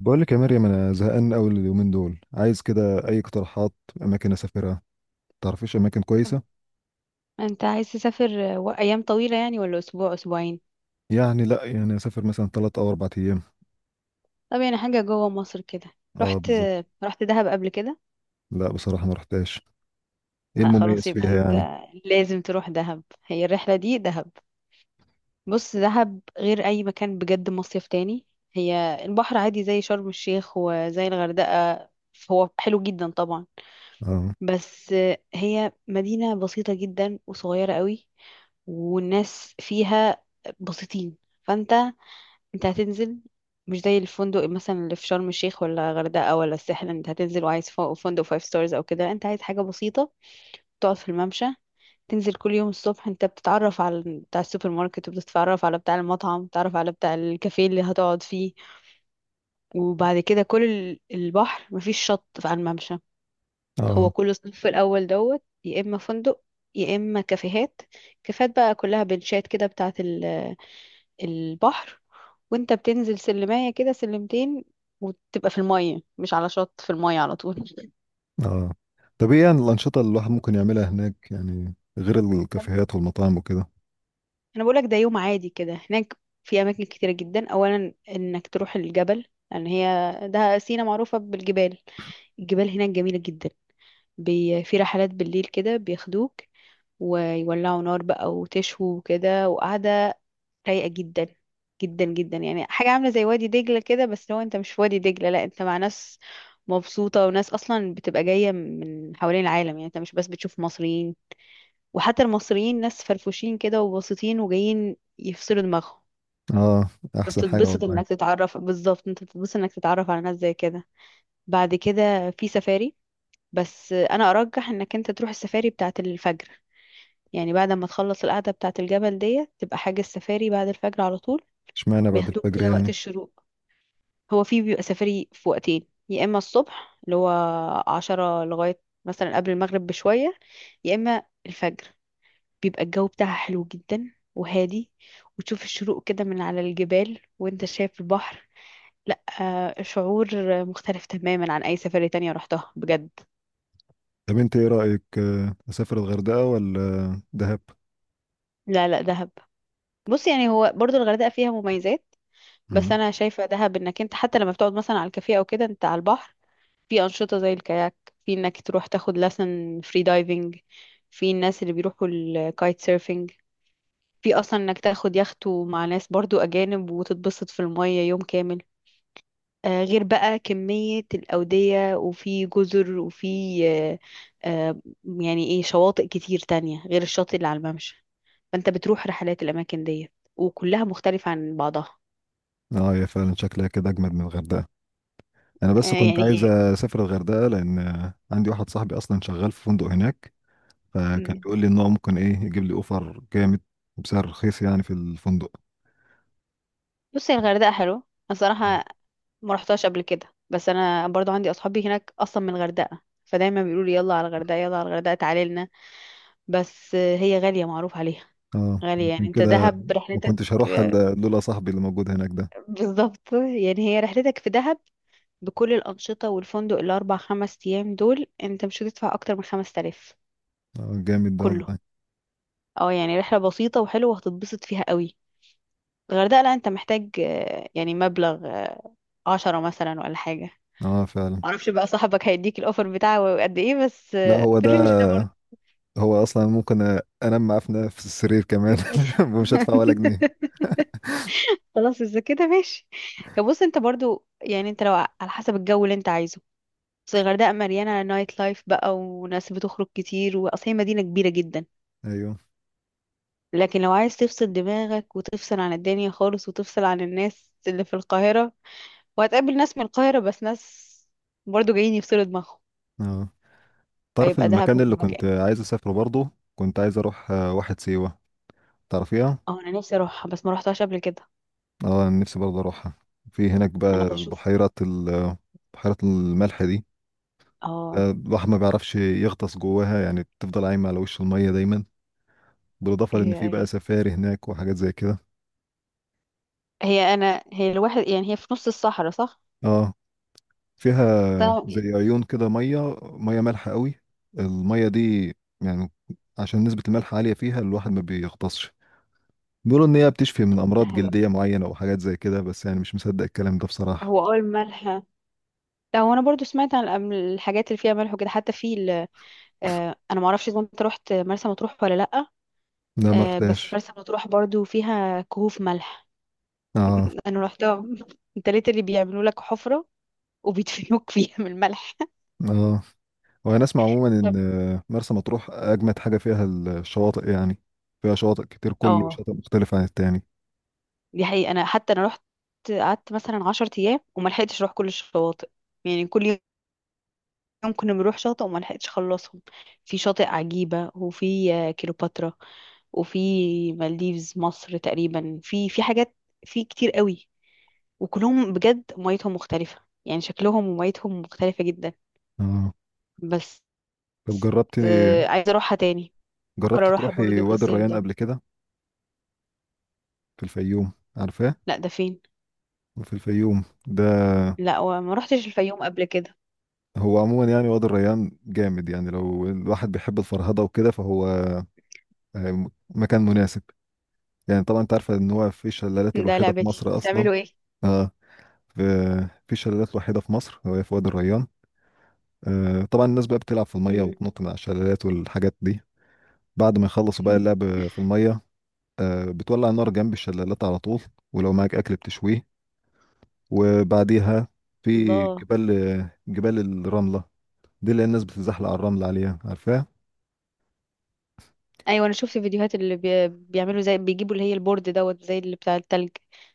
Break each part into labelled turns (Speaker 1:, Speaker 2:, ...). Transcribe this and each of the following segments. Speaker 1: بقول لك يا مريم، انا زهقان قوي اليومين دول، عايز كده اي اقتراحات اماكن اسافرها. تعرفيش اماكن
Speaker 2: طب،
Speaker 1: كويسه؟
Speaker 2: انت عايز تسافر ايام طويلة يعني ولا اسبوع اسبوعين؟
Speaker 1: يعني لا، يعني اسافر مثلا 3 او 4 ايام.
Speaker 2: طب، يعني حاجة جوه مصر كده.
Speaker 1: اه،
Speaker 2: رحت
Speaker 1: بالظبط.
Speaker 2: رحت دهب قبل كده؟
Speaker 1: لا بصراحه ما رحتهاش. ايه
Speaker 2: لا، خلاص
Speaker 1: المميز
Speaker 2: يبقى
Speaker 1: فيها
Speaker 2: انت
Speaker 1: يعني؟
Speaker 2: لازم تروح دهب، هي الرحلة دي دهب. بص، دهب غير اي مكان، بجد مصيف تاني. هي البحر عادي زي شرم الشيخ وزي الغردقة، هو حلو جدا طبعا.
Speaker 1: اه.
Speaker 2: بس هي مدينة بسيطة جدا وصغيرة قوي، والناس فيها بسيطين. فانت هتنزل. مش زي الفندق مثلا اللي في شرم الشيخ ولا غردقة ولا الساحل، انت هتنزل وعايز فندق فايف ستارز او كده، انت عايز حاجة بسيطة. تقعد في الممشى. تنزل كل يوم الصبح، انت بتتعرف على بتاع السوبر ماركت، وبتتعرف على بتاع المطعم، بتتعرف على بتاع الكافيه اللي هتقعد فيه. وبعد كده كل البحر، مفيش شط على الممشى. هو
Speaker 1: اه.
Speaker 2: كل الصف الاول دوت، يا اما فندق، يا اما كافيهات. كافيهات بقى كلها بنشات كده بتاعة البحر. وانت بتنزل سلمايه كده سلمتين، وتبقى في الميه مش على شط، في الميه على طول.
Speaker 1: اه. طب ايه يعني الانشطه اللي الواحد ممكن يعملها هناك يعني، غير
Speaker 2: انا
Speaker 1: الكافيهات والمطاعم وكده؟
Speaker 2: أنا بقولك، ده يوم عادي كده هناك. في اماكن كتيره جدا، اولا انك تروح الجبل. لان ده سينا معروفه بالجبال. الجبال هناك جميله جدا. في رحلات بالليل كده بياخدوك، ويولعوا نار بقى وتشوي وكده، وقعدة رايقة جدا، جدا جدا، يعني حاجة عاملة زي وادي دجلة كده، بس لو انت مش في وادي دجلة، لا انت مع ناس مبسوطة. وناس اصلا بتبقى جاية من حوالين العالم، يعني انت مش بس بتشوف مصريين. وحتى المصريين ناس فرفوشين كده وبسيطين وجايين يفصلوا دماغهم.
Speaker 1: اه، احسن حاجه
Speaker 2: بتتبسط
Speaker 1: والله.
Speaker 2: انك تتعرف بالظبط انت بتتبسط انك تتعرف على ناس زي كده. بعد كده في سفاري. بس انا ارجح انك انت تروح السفاري بتاعة الفجر. يعني بعد ما تخلص القعدة بتاعة الجبل ديت، تبقى حاجة السفاري بعد الفجر على طول.
Speaker 1: اشمعنى بعد
Speaker 2: بياخدوك
Speaker 1: الفجر
Speaker 2: كده وقت
Speaker 1: يعني؟
Speaker 2: الشروق. هو في بيبقى سفري في وقتين، يا اما الصبح اللي هو 10 لغاية مثلا قبل المغرب بشوية، يا اما الفجر. بيبقى الجو بتاعها حلو جدا وهادي. وتشوف الشروق كده من على الجبال وانت شايف البحر. لا، شعور مختلف تماما عن اي سفرية تانية رحتها بجد.
Speaker 1: طب انت ايه رايك، اسافر الغردقه ولا دهب؟
Speaker 2: لا، لا، دهب. بص، يعني هو برضو الغردقة فيها مميزات. بس
Speaker 1: مم.
Speaker 2: انا شايفة دهب، انك انت حتى لما بتقعد مثلا على الكافيه او كده انت على البحر. في أنشطة زي الكاياك. في إنك تروح تاخد لسن فري دايفنج. في الناس اللي بيروحوا الكايت سيرفينج. في أصلا إنك تاخد يخته مع ناس برضو أجانب، وتتبسط في المية يوم كامل. غير بقى كمية الأودية، وفي جزر، وفي آه، آه، يعني إيه شواطئ كتير تانية غير الشاطئ اللي على الممشى. فأنت بتروح رحلات الأماكن دي، وكلها مختلفة عن بعضها.
Speaker 1: اه، يا فعلا شكلها كده اجمد من الغردقه. انا
Speaker 2: آه،
Speaker 1: بس كنت
Speaker 2: يعني
Speaker 1: عايز
Speaker 2: هي
Speaker 1: اسافر الغردقه لان عندي واحد صاحبي اصلا شغال في فندق هناك، فكان
Speaker 2: م-
Speaker 1: بيقول لي ان هو ممكن ايه يجيب لي اوفر جامد وبسعر رخيص يعني في الفندق.
Speaker 2: بصي، الغردقة حلوة الصراحة، ما رحتهاش قبل كده. بس انا برضو عندي اصحابي هناك اصلا من الغردقه، فدايما بيقولوا لي يلا على الغردقه، يلا على الغردقه، تعالي لنا. بس هي غاليه معروف عليها.
Speaker 1: اه،
Speaker 2: غاليه، يعني
Speaker 1: عشان
Speaker 2: انت
Speaker 1: كده.
Speaker 2: دهب
Speaker 1: ما
Speaker 2: رحلتك.
Speaker 1: كنتش هروح إلا لولا صاحبي اللي موجود هناك ده.
Speaker 2: بالظبط، يعني هي رحلتك في دهب. بكل الانشطه والفندق، الاربع خمس ايام دول انت مش هتدفع اكتر من 5000.
Speaker 1: اه، جامد ده
Speaker 2: كله.
Speaker 1: والله.
Speaker 2: اه، يعني رحله بسيطه وحلوه وهتتبسط فيها قوي. الغردقه، لا انت محتاج يعني مبلغ 10 مثلا ولا حاجه.
Speaker 1: اه، فعلا.
Speaker 2: معرفش بقى صاحبك هيديك الاوفر بتاعه قد ايه، بس
Speaker 1: لا، هو
Speaker 2: في الرينج
Speaker 1: ده.
Speaker 2: ده برضه.
Speaker 1: هو اصلا ممكن انام معاه في نفس السرير كمان. ومش هدفع ولا جنيه.
Speaker 2: خلاص، اذا كده ماشي. بص، انت برضو يعني انت لو على حسب الجو اللي انت عايزه. بس الغردقه مليانه نايت لايف بقى، وناس بتخرج كتير، واصل هي مدينه كبيره جدا.
Speaker 1: ايوه.
Speaker 2: لكن لو عايز تفصل دماغك وتفصل عن الدنيا خالص وتفصل عن الناس اللي في القاهره. وهتقابل ناس من القاهره، بس ناس برضو جايين يفصلوا دماغهم.
Speaker 1: اه. تعرف
Speaker 2: فيبقى دهب
Speaker 1: المكان
Speaker 2: هو
Speaker 1: اللي كنت
Speaker 2: المكان.
Speaker 1: عايز اسافره برضه؟ كنت عايز اروح واحد سيوه، تعرفيها؟
Speaker 2: اه، انا نفسي اروحها بس ما روحتهاش قبل كده.
Speaker 1: اه، أنا نفسي برضه اروحها. في هناك
Speaker 2: انا
Speaker 1: بقى
Speaker 2: بشوف.
Speaker 1: بحيرة ال، بحيرة الملح دي،
Speaker 2: اه،
Speaker 1: الواحد ما بيعرفش يغطس جواها يعني، بتفضل عايمة على وش المية دايما. بالإضافة لأن
Speaker 2: ايوه،
Speaker 1: في بقى
Speaker 2: ايوه.
Speaker 1: سفاري هناك وحاجات زي كده.
Speaker 2: هي الواحد، يعني هي في نص الصحراء، صح؟
Speaker 1: اه.
Speaker 2: بس
Speaker 1: فيها
Speaker 2: أنا-
Speaker 1: زي عيون كده، مية مية مالحة قوي، المية دي، يعني عشان نسبة الملح عالية فيها الواحد ما بيغطسش. بيقولوا إن هي بتشفي من
Speaker 2: طب، ده
Speaker 1: أمراض
Speaker 2: حلو.
Speaker 1: جلدية معينة وحاجات زي كده، بس يعني مش مصدق الكلام ده بصراحة.
Speaker 2: هو اول ملح. لا، هو انا برضو سمعت عن الحاجات اللي فيها ملح وكده، حتى في انا ما اعرفش اذا انت رحت مرسى مطروح ولا لا.
Speaker 1: لا، ما
Speaker 2: بس
Speaker 1: رحتهاش.
Speaker 2: مرسى مطروح برضو فيها كهوف ملح.
Speaker 1: اه.
Speaker 2: انا رحتها انت ليه، اللي بيعملوا لك حفرة وبيدفنوك فيها من الملح.
Speaker 1: اه، وانا اسمع عموما ان
Speaker 2: طب،
Speaker 1: مرسى مطروح اجمد حاجه فيها الشواطئ يعني، فيها شواطئ كتير، كل
Speaker 2: اه.
Speaker 1: شاطئ مختلف عن التاني.
Speaker 2: دي حقيقة، انا حتى انا رحت. قعدت مثلا 10 ايام، وما لحقتش اروح كل الشواطئ. يعني كل يوم كنا بنروح شاطئ، وما لحقتش اخلصهم. في شاطئ عجيبة، وفي كليوباترا، وفي مالديفز مصر تقريبا، في حاجات، في كتير قوي. وكلهم بجد ميتهم مختلفة، يعني شكلهم وميتهم مختلفة جدا.
Speaker 1: اه.
Speaker 2: بس.
Speaker 1: طب جربت،
Speaker 2: عايزة اروحها تاني. بفكر اروحها
Speaker 1: تروحي
Speaker 2: برضو في
Speaker 1: وادي
Speaker 2: الصيف
Speaker 1: الريان
Speaker 2: ده.
Speaker 1: قبل كده؟ في الفيوم، عارفاه؟
Speaker 2: لا، ده فين؟
Speaker 1: في الفيوم ده،
Speaker 2: لا، وما روحتش الفيوم قبل كده.
Speaker 1: هو عموما يعني وادي الريان جامد يعني، لو الواحد بيحب الفرهده وكده فهو مكان مناسب. يعني طبعا انت عارفه ان هو في الشلالات
Speaker 2: ده
Speaker 1: الوحيده في
Speaker 2: لعبتي،
Speaker 1: مصر اصلا.
Speaker 2: بتعملوا ايه؟
Speaker 1: اه. في شلالات وحيده في مصر، وهي في وادي الريان. طبعا الناس بقى بتلعب في المية
Speaker 2: مم.
Speaker 1: وتنط من على الشلالات والحاجات دي. بعد ما يخلصوا بقى اللعب في المية، بتولع نار جنب الشلالات على طول، ولو معاك أكل بتشويه. وبعديها في
Speaker 2: الله.
Speaker 1: جبال، جبال الرملة، دي اللي الناس بتتزحلق على الرمل عليها، عارفاها؟
Speaker 2: ايوه، انا شفت فيديوهات اللي بيعملوا زي بيجيبوا اللي هي البورد دوت زي اللي بتاع التلج.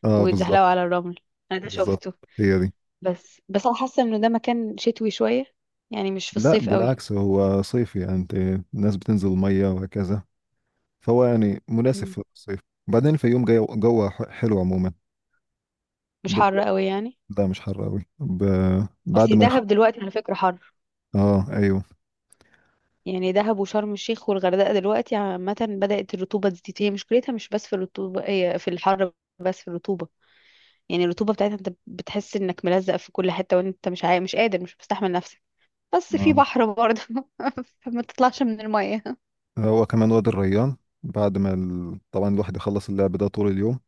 Speaker 1: اه، بالظبط.
Speaker 2: وبيتزحلقوا على الرمل. انا ده
Speaker 1: بالظبط،
Speaker 2: شفته.
Speaker 1: هي دي.
Speaker 2: بس انا حاسه انه ده مكان شتوي شويه. يعني مش في
Speaker 1: لا،
Speaker 2: الصيف قوي.
Speaker 1: بالعكس هو صيفي. يعني انت، الناس بتنزل المية وهكذا، فهو يعني مناسب
Speaker 2: مم.
Speaker 1: في الصيف. وبعدين الفيوم جو جوه حلو عموما.
Speaker 2: مش
Speaker 1: ب-
Speaker 2: حر قوي يعني؟
Speaker 1: لا، مش حر قوي. بعد
Speaker 2: اصل
Speaker 1: ما
Speaker 2: دهب
Speaker 1: يخلص.
Speaker 2: دلوقتي على فكره حر.
Speaker 1: اه، ايوه.
Speaker 2: يعني دهب وشرم الشيخ والغردقه دلوقتي عامه بدات الرطوبه تزيد، هي مشكلتها مش بس في الرطوبه، هي في الحر. بس في الرطوبه. يعني الرطوبه بتاعتها، انت بتحس انك ملزق في كل حته، وانت مش قادر، مش مستحمل. بس في
Speaker 1: اه،
Speaker 2: بحر برضه فما تطلعش من المية.
Speaker 1: هو كمان وادي الريان، بعد ما ال... طبعا الواحد يخلص اللعب ده طول اليوم،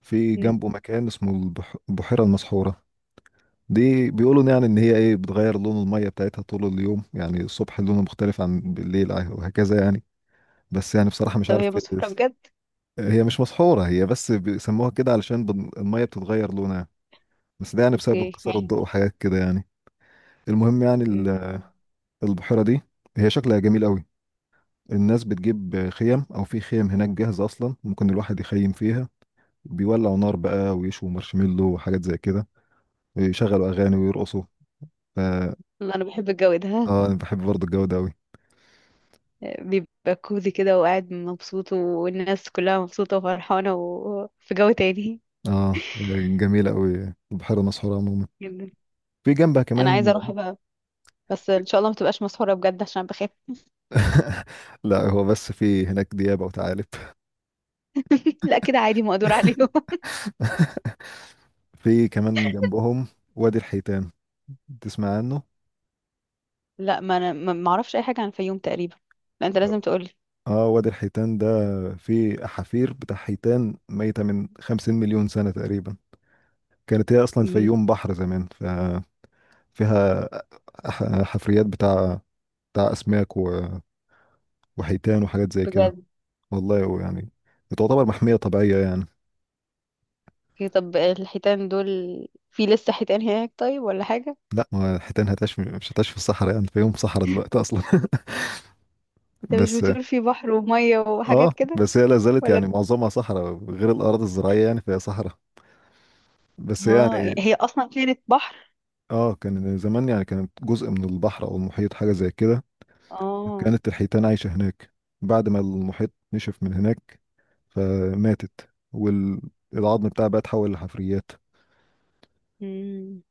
Speaker 1: في
Speaker 2: مم.
Speaker 1: جنبه مكان اسمه البحيرة المسحورة. دي بيقولوا يعني ان هي ايه، بتغير لون المية بتاعتها طول اليوم، يعني الصبح لونه مختلف عن بالليل وهكذا يعني. بس يعني بصراحة مش
Speaker 2: طب،
Speaker 1: عارف
Speaker 2: هي مسافرة بجد؟
Speaker 1: هي مش مسحورة، هي بس بيسموها كده علشان المية بتتغير لونها، بس ده يعني بسبب
Speaker 2: اوكي،
Speaker 1: انكسار الضوء
Speaker 2: يعني.
Speaker 1: وحاجات كده يعني. المهم يعني
Speaker 2: مم.
Speaker 1: البحيرة دي، هي شكلها جميل قوي. الناس بتجيب خيم، او في خيم هناك جاهزه اصلا ممكن الواحد يخيم فيها، بيولعوا نار بقى ويشوا مارشميلو وحاجات زي كده، ويشغلوا اغاني ويرقصوا. ف،
Speaker 2: انا بحب الجو ده.
Speaker 1: اه انا بحب برضه الجو ده قوي.
Speaker 2: بيبقى كوزي كده وقاعد مبسوط، والناس كلها مبسوطة وفرحانة، وفي جو تاني.
Speaker 1: اه، جميله قوي بحيره مسحوره عموما.
Speaker 2: جدا.
Speaker 1: في جنبها
Speaker 2: انا
Speaker 1: كمان.
Speaker 2: عايزة اروح بقى. بس ان شاء الله ما تبقاش مسافرة بجد عشان بخاف.
Speaker 1: لا، هو بس في هناك ديابه وثعالب.
Speaker 2: لا، كده عادي مقدور عليهم
Speaker 1: في كمان جنبهم وادي الحيتان، تسمع عنه؟
Speaker 2: لا، ما انا ما اعرفش اي حاجة عن الفيوم تقريبا. لا، انت لازم تقولي.
Speaker 1: اه، وادي الحيتان ده فيه احافير بتاع حيتان ميتة من 50 مليون سنة تقريبا. كانت هي اصلا
Speaker 2: مم.
Speaker 1: الفيوم بحر زمان، ف فيها حفريات بتاع أسماك و، وحيتان وحاجات زي كده.
Speaker 2: بجد؟
Speaker 1: والله، ويعني بتعتبر محمية طبيعية يعني.
Speaker 2: اوكي، طب الحيتان دول. في لسه حيتان هناك طيب، ولا حاجة؟
Speaker 1: لا، ما الحيتان هتعيش، مش هتعيش في الصحراء. يعني في يوم صحراء دلوقتي أصلا.
Speaker 2: انت مش
Speaker 1: بس،
Speaker 2: بتقول في بحر ومية
Speaker 1: اه
Speaker 2: وحاجات كده؟
Speaker 1: بس هي لا زالت يعني
Speaker 2: ولا.
Speaker 1: معظمها صحراء غير الأراضي الزراعية، يعني فهي صحراء. بس
Speaker 2: اه،
Speaker 1: يعني.
Speaker 2: يعني هي اصلا كانت بحر.
Speaker 1: اه، كان زمان يعني كانت جزء من البحر أو المحيط، حاجة زي كده.
Speaker 2: اه.
Speaker 1: كانت الحيتان عايشة هناك، بعد ما المحيط نشف من هناك فماتت، والعظم بتاعها بقى اتحول لحفريات.
Speaker 2: امم.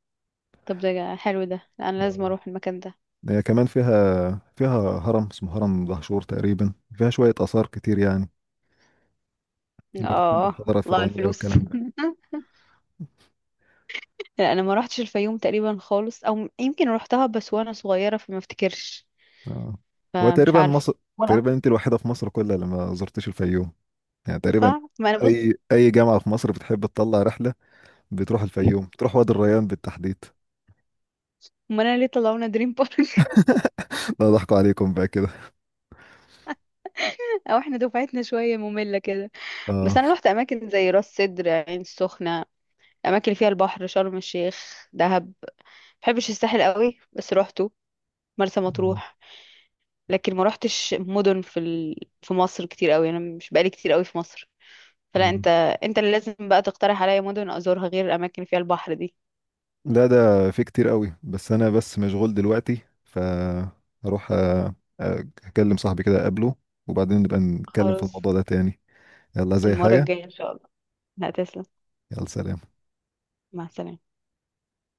Speaker 2: طب، ده حلو ده، لا، انا لازم اروح المكان ده.
Speaker 1: هي كمان فيها هرم اسمه هرم دهشور تقريبا، فيها شوية آثار كتير يعني، لو بتحب
Speaker 2: اه،
Speaker 1: الحضارة
Speaker 2: الله على
Speaker 1: الفرعونية
Speaker 2: الفلوس
Speaker 1: والكلام ده.
Speaker 2: لا، انا ما روحتش الفيوم تقريبا خالص، او يمكن روحتها بس وانا صغيره فما افتكرش.
Speaker 1: آه. هو
Speaker 2: فمش
Speaker 1: تقريبا
Speaker 2: عارفه.
Speaker 1: مصر،
Speaker 2: ولا
Speaker 1: تقريبا
Speaker 2: أعرف.
Speaker 1: انت الوحيدة في مصر كلها اللي ما زرتش الفيوم، يعني تقريبا.
Speaker 2: صح، ما انا بص.
Speaker 1: اي جامعة في مصر بتحب تطلع رحلة بتروح الفيوم، بتروح وادي الريان بالتحديد.
Speaker 2: ما انا ليه طلعونا دريم بارك؟
Speaker 1: لا، ضحكوا عليكم بقى كده.
Speaker 2: او احنا دفعتنا شويه ممله كده. بس
Speaker 1: اه.
Speaker 2: انا روحت اماكن زي راس سدر، عين السخنه. الاماكن اللي فيها البحر، شرم الشيخ، دهب. بحبش الساحل قوي بس روحته. مرسى مطروح. لكن ما روحتش مدن في في مصر كتير قوي، انا مش بقالي كتير قوي في مصر. فلا
Speaker 1: آه.
Speaker 2: انت. انت اللي لازم بقى تقترح عليا مدن ازورها غير الاماكن اللي فيها البحر دي.
Speaker 1: لا، ده في كتير قوي، بس انا بس مشغول دلوقتي، فاروح اكلم صاحبي كده اقابله، وبعدين نبقى نتكلم في
Speaker 2: خلاص.
Speaker 1: الموضوع ده تاني. يلا زي
Speaker 2: المرة
Speaker 1: حاجة.
Speaker 2: الجاية ان شاء الله. لا، تسلم.
Speaker 1: يلا، سلام.
Speaker 2: مع السلامة.